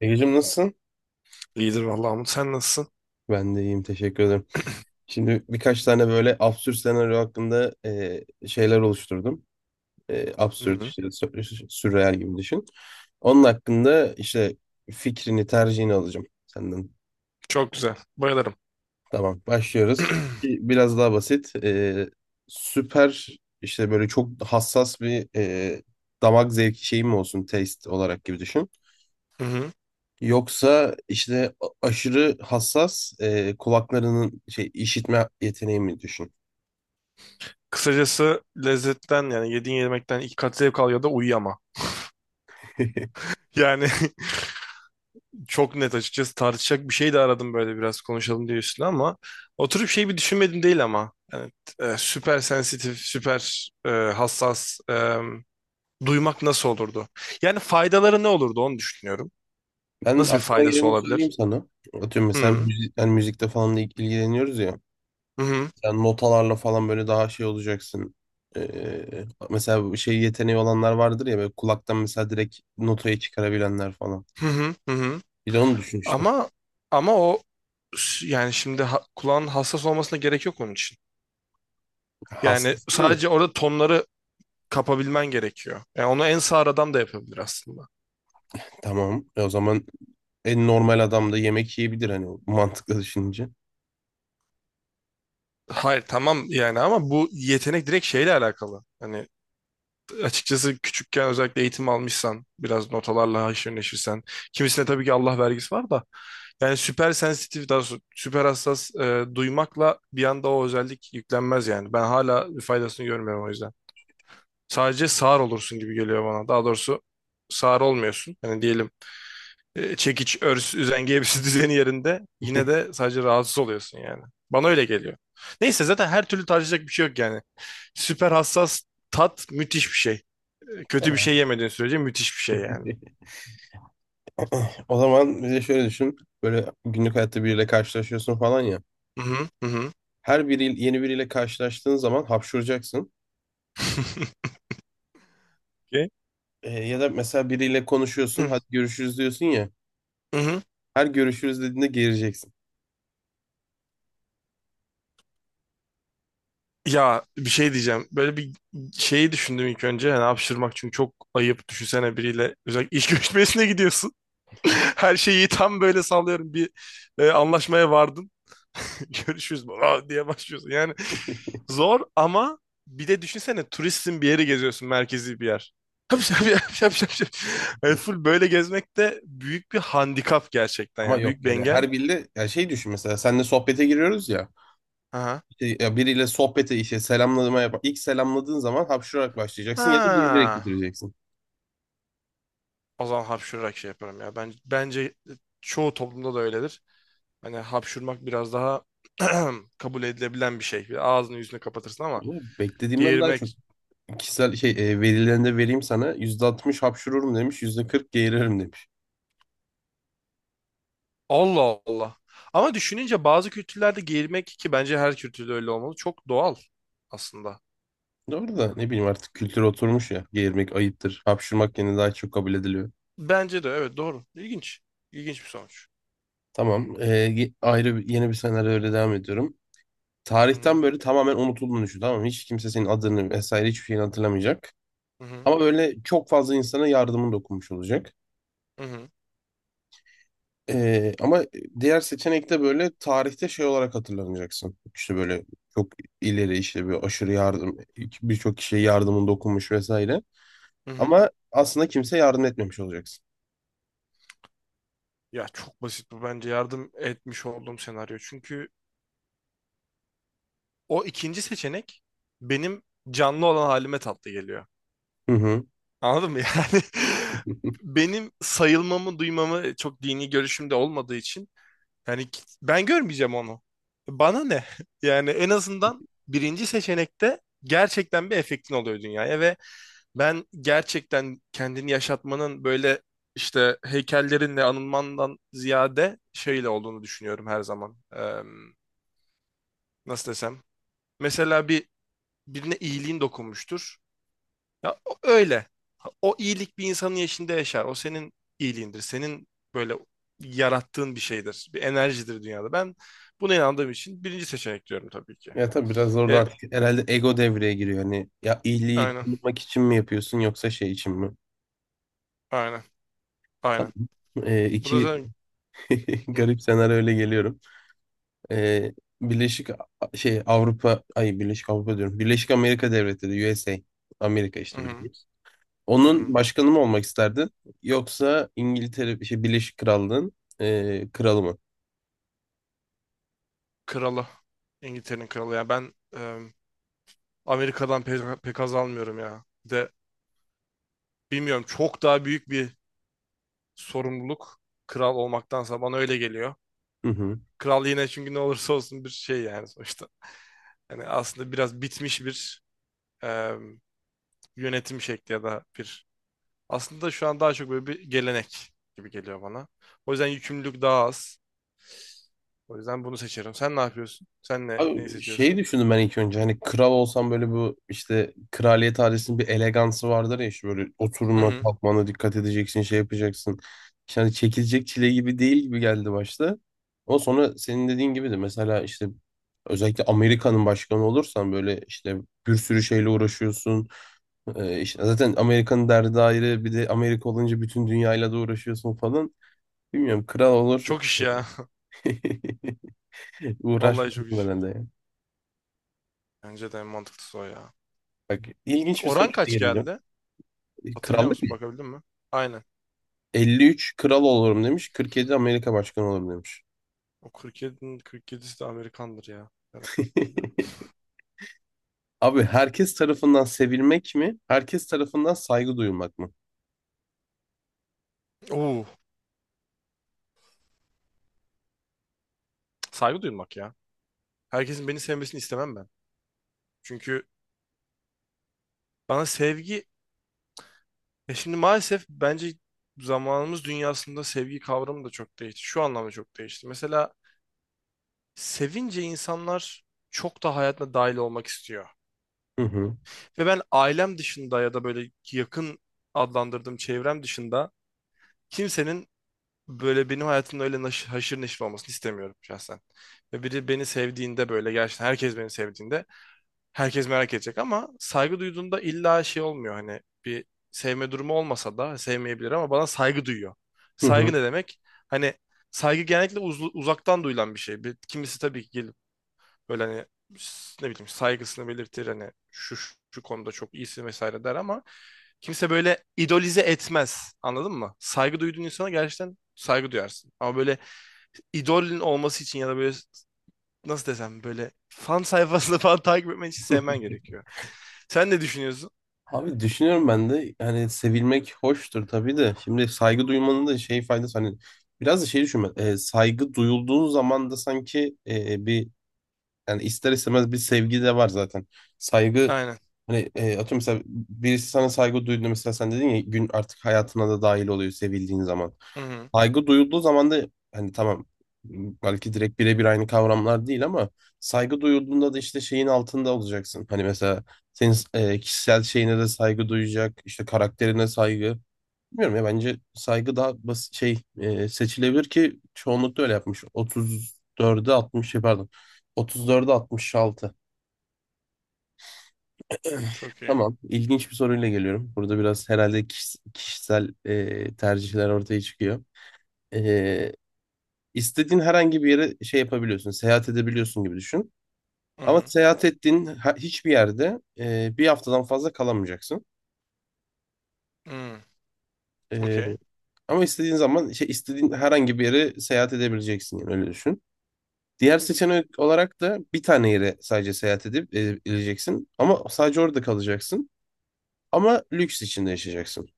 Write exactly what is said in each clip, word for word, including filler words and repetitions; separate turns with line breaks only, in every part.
Egecim nasılsın?
İyidir vallahi Umut. Sen nasılsın?
Ben de iyiyim, teşekkür ederim. Şimdi birkaç tane böyle absürt senaryo hakkında e, şeyler oluşturdum. E, absürt
Hı-hı.
işte sü- sürreal gibi düşün. Onun hakkında işte fikrini, tercihini alacağım senden.
Çok güzel. Bayılırım.
Tamam, başlıyoruz. Biraz daha basit. E, süper işte böyle çok hassas bir e, damak zevki şeyim olsun, taste olarak gibi düşün.
Hı-hı.
Yoksa işte a- aşırı hassas e, kulaklarının şey işitme yeteneği mi düşün?
Kısacası lezzetten yani yediğin yemekten iki kat zevk al ya da uyuyama. Yani çok net açıkçası tartışacak bir şey de aradım böyle biraz konuşalım diye üstüne ama oturup şey bir düşünmedim değil ama yani, e, süper sensitif, süper e, hassas e, duymak nasıl olurdu? Yani faydaları ne olurdu onu düşünüyorum.
Ben
Nasıl bir
aklıma
faydası
geleni
olabilir?
söyleyeyim sana. Atıyorum mesela
Hı-hı.
müzik, yani müzikte falan da ilgileniyoruz ya. Sen notalarla falan böyle daha şey olacaksın. E, mesela bu şey yeteneği olanlar vardır ya, böyle kulaktan mesela direkt notayı çıkarabilenler falan.
Hı-hı. Hı-hı.
Bir de onu düşün işte.
Ama ama o s- yani şimdi ha- kulağın hassas olmasına gerek yok onun için. Yani
Hassas değil mi?
sadece orada tonları kapabilmen gerekiyor. Yani onu en sağır adam da yapabilir aslında.
Tamam. E o zaman en normal adam da yemek yiyebilir hani, mantıklı düşününce.
Hayır tamam yani ama bu yetenek direkt şeyle alakalı. Hani açıkçası küçükken özellikle eğitim almışsan biraz notalarla haşır neşirsen. Kimisine tabii ki Allah vergisi var da. Yani süper sensitif daha doğrusu süper hassas e, duymakla bir anda o özellik yüklenmez yani. Ben hala faydasını görmüyorum o yüzden. Sadece sağır olursun gibi geliyor bana. Daha doğrusu sağır olmuyorsun. Hani diyelim e, çekiç, örs, üzengi hepsi düzeni yerinde. Yine de sadece rahatsız oluyorsun yani. Bana öyle geliyor. Neyse zaten her türlü tartışacak bir şey yok yani. Süper hassas tat müthiş bir şey. E, Kötü bir
Tamam.
şey yemediğin sürece müthiş bir şey yani.
O zaman bir de şöyle düşün. Böyle günlük hayatta biriyle karşılaşıyorsun falan ya.
Hı hı hı. Hı.
Her biri yeni biriyle karşılaştığın zaman hapşuracaksın.
Ki,
Ee, ya da mesela biriyle konuşuyorsun, hadi görüşürüz diyorsun ya.
hı hı.
Her görüşürüz dediğinde geleceksin.
Ya bir şey diyeceğim. Böyle bir şeyi düşündüm ilk önce. Yani hapşırmak çünkü çok ayıp. Düşünsene biriyle özellikle iş görüşmesine gidiyorsun. Her şeyi tam böyle sallıyorum bir e, anlaşmaya vardın. Görüşürüz baba diye başlıyorsun. Yani zor ama bir de düşünsene turistsin bir yeri geziyorsun merkezi bir yer. Şap şap şap şap şap. Şap. Yani full böyle gezmek de büyük bir handikap gerçekten
Ama
yani büyük
yok
bir
yani,
engel.
her biriyle ya şey düşün, mesela seninle sohbete giriyoruz ya.
Aha.
İşte ya biriyle sohbete işte selamlama yap. İlk selamladığın zaman hapşurarak başlayacaksın ya da gelerek
Ha.
bitireceksin.
O zaman hapşurarak şey yaparım ya. Ben, bence çoğu toplumda da öyledir. Hani hapşurmak biraz daha kabul edilebilen bir şey. Bir ağzını yüzünü kapatırsın ama
Oğlum, beklediğimden daha çok
geğirmek.
kişisel şey e, verilerinde vereyim sana. Yüzde altmış hapşururum demiş, yüzde kırk geğiririm demiş.
Allah Allah. Ama düşününce bazı kültürlerde giymek ki bence her kültürde öyle olmalı. Çok doğal aslında.
Doğru da ne bileyim, artık kültür oturmuş ya. Geğirmek ayıptır. Hapşırmak yine daha çok kabul ediliyor.
Bence de evet doğru. İlginç. İlginç bir sonuç.
Tamam. ee, ye- ayrı bir- yeni bir senaryo, öyle devam ediyorum.
Hı hı,
Tarihten böyle tamamen unutulduğunu düşün. Tamam mı? Hiç kimse senin adını vesaire hiçbir şeyini hatırlamayacak.
hı hı,
Ama böyle çok fazla insana yardımın dokunmuş olacak.
hı hı,
Ee, ama diğer seçenekte böyle tarihte şey olarak hatırlanacaksın. İşte böyle çok ileri işte bir aşırı yardım, birçok kişiye yardımın dokunmuş vesaire.
hı hı.
Ama aslında kimse yardım etmemiş olacaksın.
Ya çok basit bu bence yardım etmiş olduğum senaryo. Çünkü o ikinci seçenek benim canlı olan halime tatlı geliyor.
Hı hı.
Anladın mı? Yani benim sayılmamı duymamı çok dini görüşümde olmadığı için. Yani ki- ben görmeyeceğim onu. Bana ne? Yani en azından birinci seçenekte gerçekten bir efektin oluyor dünyaya ve ben gerçekten kendini yaşatmanın böyle işte heykellerinle anılmandan ziyade şeyle olduğunu düşünüyorum her zaman. Eee, nasıl desem? Mesela bir birine iyiliğin dokunmuştur. Ya o- öyle. O iyilik bir insanın yaşında yaşar. O senin iyiliğindir. Senin böyle yarattığın bir şeydir. Bir enerjidir dünyada. Ben buna inandığım için birinci seçenek diyorum tabii ki.
Ya tabii, biraz orada
Ya,
artık herhalde ego devreye giriyor. Hani ya iyiliği
aynen.
tanıtmak için mi yapıyorsun yoksa şey için mi?
Aynen.
Tam
Aynen.
e,
Bu da
iki
zaten hı,
garip senaryo öyle geliyorum. E, Birleşik A- şey Avrupa, ay Birleşik Avrupa diyorum. Birleşik Amerika Devletleri, U S A. Amerika
hı,
işte, bildiğimiz.
hı,
Onun
hı.
başkanı mı olmak isterdin? Yoksa İngiltere şey Birleşik Krallığın e, kralı mı?
Kralı. İngiltere'nin kralı. Yani ben e, Amerika'dan pe- pek, az almıyorum ya. Bir de bilmiyorum çok daha büyük bir sorumluluk kral olmaktansa bana öyle geliyor.
Hı hı.
Kral yine çünkü ne olursa olsun bir şey yani sonuçta. Yani aslında biraz bitmiş bir e, yönetim şekli ya da bir aslında şu an daha çok böyle bir gelenek gibi geliyor bana. O yüzden yükümlülük daha az. O yüzden bunu seçerim. Sen ne yapıyorsun? Sen ne neyi
Abi şey
seçiyorsun?
düşündüm ben ilk önce, hani kral olsam böyle, bu işte kraliyet ailesinin bir elegansı vardır ya, işte böyle
Hı
oturma
hı.
kalkmana dikkat edeceksin, şey yapacaksın. İşte hani çekilecek çile gibi değil gibi geldi başta. Ama sonra senin dediğin gibi de mesela işte özellikle Amerika'nın başkanı olursan böyle işte bir sürü şeyle uğraşıyorsun. Ee, işte zaten Amerika'nın derdi ayrı, bir de Amerika olunca bütün dünyayla da uğraşıyorsun falan. Bilmiyorum, kral olur
Çok iş ya. Vallahi
uğraşmaz
çok iş.
herhalde.
Bence de en mantıklısı o ya.
Bak, ilginç bir
Oran
soruyla
kaç
geleceğim.
geldi? Hatırlıyor
Krallık
musun? Bakabildin mi? Aynen.
elli üç kral olurum demiş, kırk yedi Amerika başkanı olurum demiş.
O kırk yedinin kırk yedisi de Amerikandır ya. Herhalde.
Abi, herkes tarafından sevilmek mi? Herkes tarafından saygı duyulmak mı?
Oo, saygı duymak ya. Herkesin beni sevmesini istemem ben. Çünkü bana sevgi. E şimdi maalesef bence zamanımız dünyasında sevgi kavramı da çok değişti. Şu anlamda çok değişti. Mesela sevince insanlar çok da hayatına dahil olmak istiyor.
Hı hı.
Ve ben ailem dışında ya da böyle yakın adlandırdığım çevrem dışında kimsenin böyle benim hayatımda öyle naş- haşır neşir olmasını istemiyorum şahsen. Ve biri beni sevdiğinde böyle gerçekten herkes beni sevdiğinde herkes merak edecek ama saygı duyduğunda illa şey olmuyor hani bir sevme durumu olmasa da sevmeyebilir ama bana saygı duyuyor.
Hı
Saygı
hı.
ne demek? Hani saygı genellikle uz- uzaktan duyulan bir şey. Bir, kimisi tabii ki böyle hani ne bileyim saygısını belirtir hani şu şu şu konuda çok iyisin vesaire der ama kimse böyle idolize etmez. Anladın mı? Saygı duyduğun insana gerçekten saygı duyarsın. Ama böyle idolün olması için ya da böyle nasıl desem böyle fan sayfasını falan takip etmen için sevmen gerekiyor. Sen ne düşünüyorsun?
Abi düşünüyorum ben de, hani sevilmek hoştur tabii de, şimdi saygı duymanın da şey faydası, hani biraz da şey düşünme, e, saygı duyulduğun zaman da sanki e, bir, yani ister istemez bir sevgi de var zaten. Saygı
Aynen.
hani e, atıyorum mesela, birisi sana saygı duyduğunda, mesela sen dedin ya, gün artık hayatına da dahil oluyor sevildiğin zaman.
Hı hı.
Saygı duyulduğu zaman da hani tamam, belki direkt birebir aynı kavramlar değil ama saygı duyulduğunda da işte şeyin altında olacaksın. Hani mesela senin e, kişisel şeyine de saygı duyacak, işte karakterine saygı. Bilmiyorum ya, bence saygı daha basit şey, e, seçilebilir ki çoğunlukla öyle yapmış. otuz dörde altmış şey, pardon. otuz dörde altmış altı.
Çok iyi.
Tamam. ilginç bir soruyla geliyorum. Burada biraz herhalde kişis- kişisel e, tercihler ortaya çıkıyor. E, istediğin herhangi bir yere şey yapabiliyorsun, seyahat edebiliyorsun gibi düşün.
Hı
Ama
hı.
seyahat ettiğin ha- hiçbir yerde e, bir haftadan fazla kalamayacaksın.
Hı.
E,
Okey.
ama istediğin zaman şey, istediğin herhangi bir yere seyahat edebileceksin. Yani öyle düşün. Diğer seçenek olarak da bir tane yere sadece seyahat edip edileceksin. Ama sadece orada kalacaksın. Ama lüks içinde yaşayacaksın.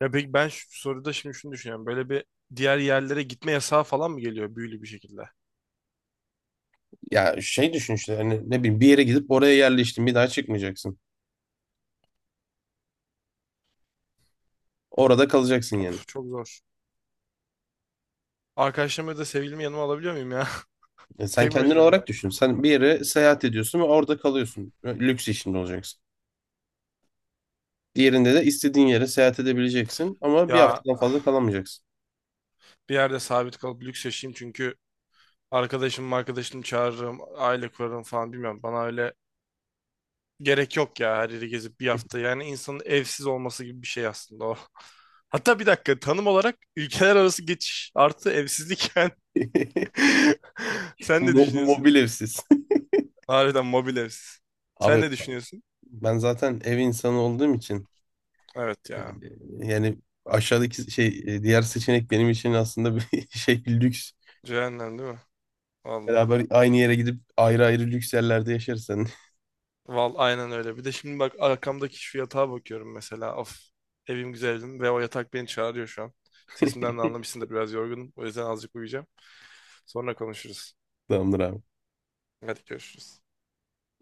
Ya peki ben şu soruda şimdi şunu düşünüyorum. Böyle bir diğer yerlere gitme yasağı falan mı geliyor büyülü bir şekilde?
Ya şey düşün işte, hani ne bileyim, bir yere gidip oraya yerleştin, bir daha çıkmayacaksın. Orada kalacaksın yani.
Of, çok zor. Arkadaşlarımı da sevgilimi yanıma alabiliyor muyum ya?
E, sen
Tek
kendin
başıma ya.
olarak düşün. Sen bir yere seyahat ediyorsun ve orada kalıyorsun. Lüks içinde olacaksın. Diğerinde de istediğin yere seyahat edebileceksin ama bir
Ya
haftadan fazla kalamayacaksın.
bir yerde sabit kalıp lüks yaşayayım çünkü arkadaşım arkadaşım çağırırım, aile kurarım falan bilmiyorum. Bana öyle gerek yok ya her yeri gezip bir hafta. Yani insanın evsiz olması gibi bir şey aslında o. Hatta bir dakika tanım olarak ülkeler arası geçiş artı evsizlik yani. Sen ne
Mo
düşünüyorsun?
mobil evsiz.
Harbiden mobil evsiz. Sen
Abi,
ne düşünüyorsun?
ben zaten ev insanı olduğum için
Evet
Ee,
ya.
yani aşağıdaki şey, e, diğer seçenek benim için aslında bir şey lüks.
Cehennem değil mi? Vallahi.
Beraber aynı yere gidip ayrı ayrı lüks yerlerde yaşarsan
Val aynen öyle. Bir de şimdi bak arkamdaki şu yatağa bakıyorum mesela. Of, evim güzeldim ve o yatak beni çağırıyor şu an. Sesimden de anlamışsındır biraz yorgunum. O yüzden azıcık uyuyacağım. Sonra konuşuruz.
tamamdır abi.
Hadi görüşürüz.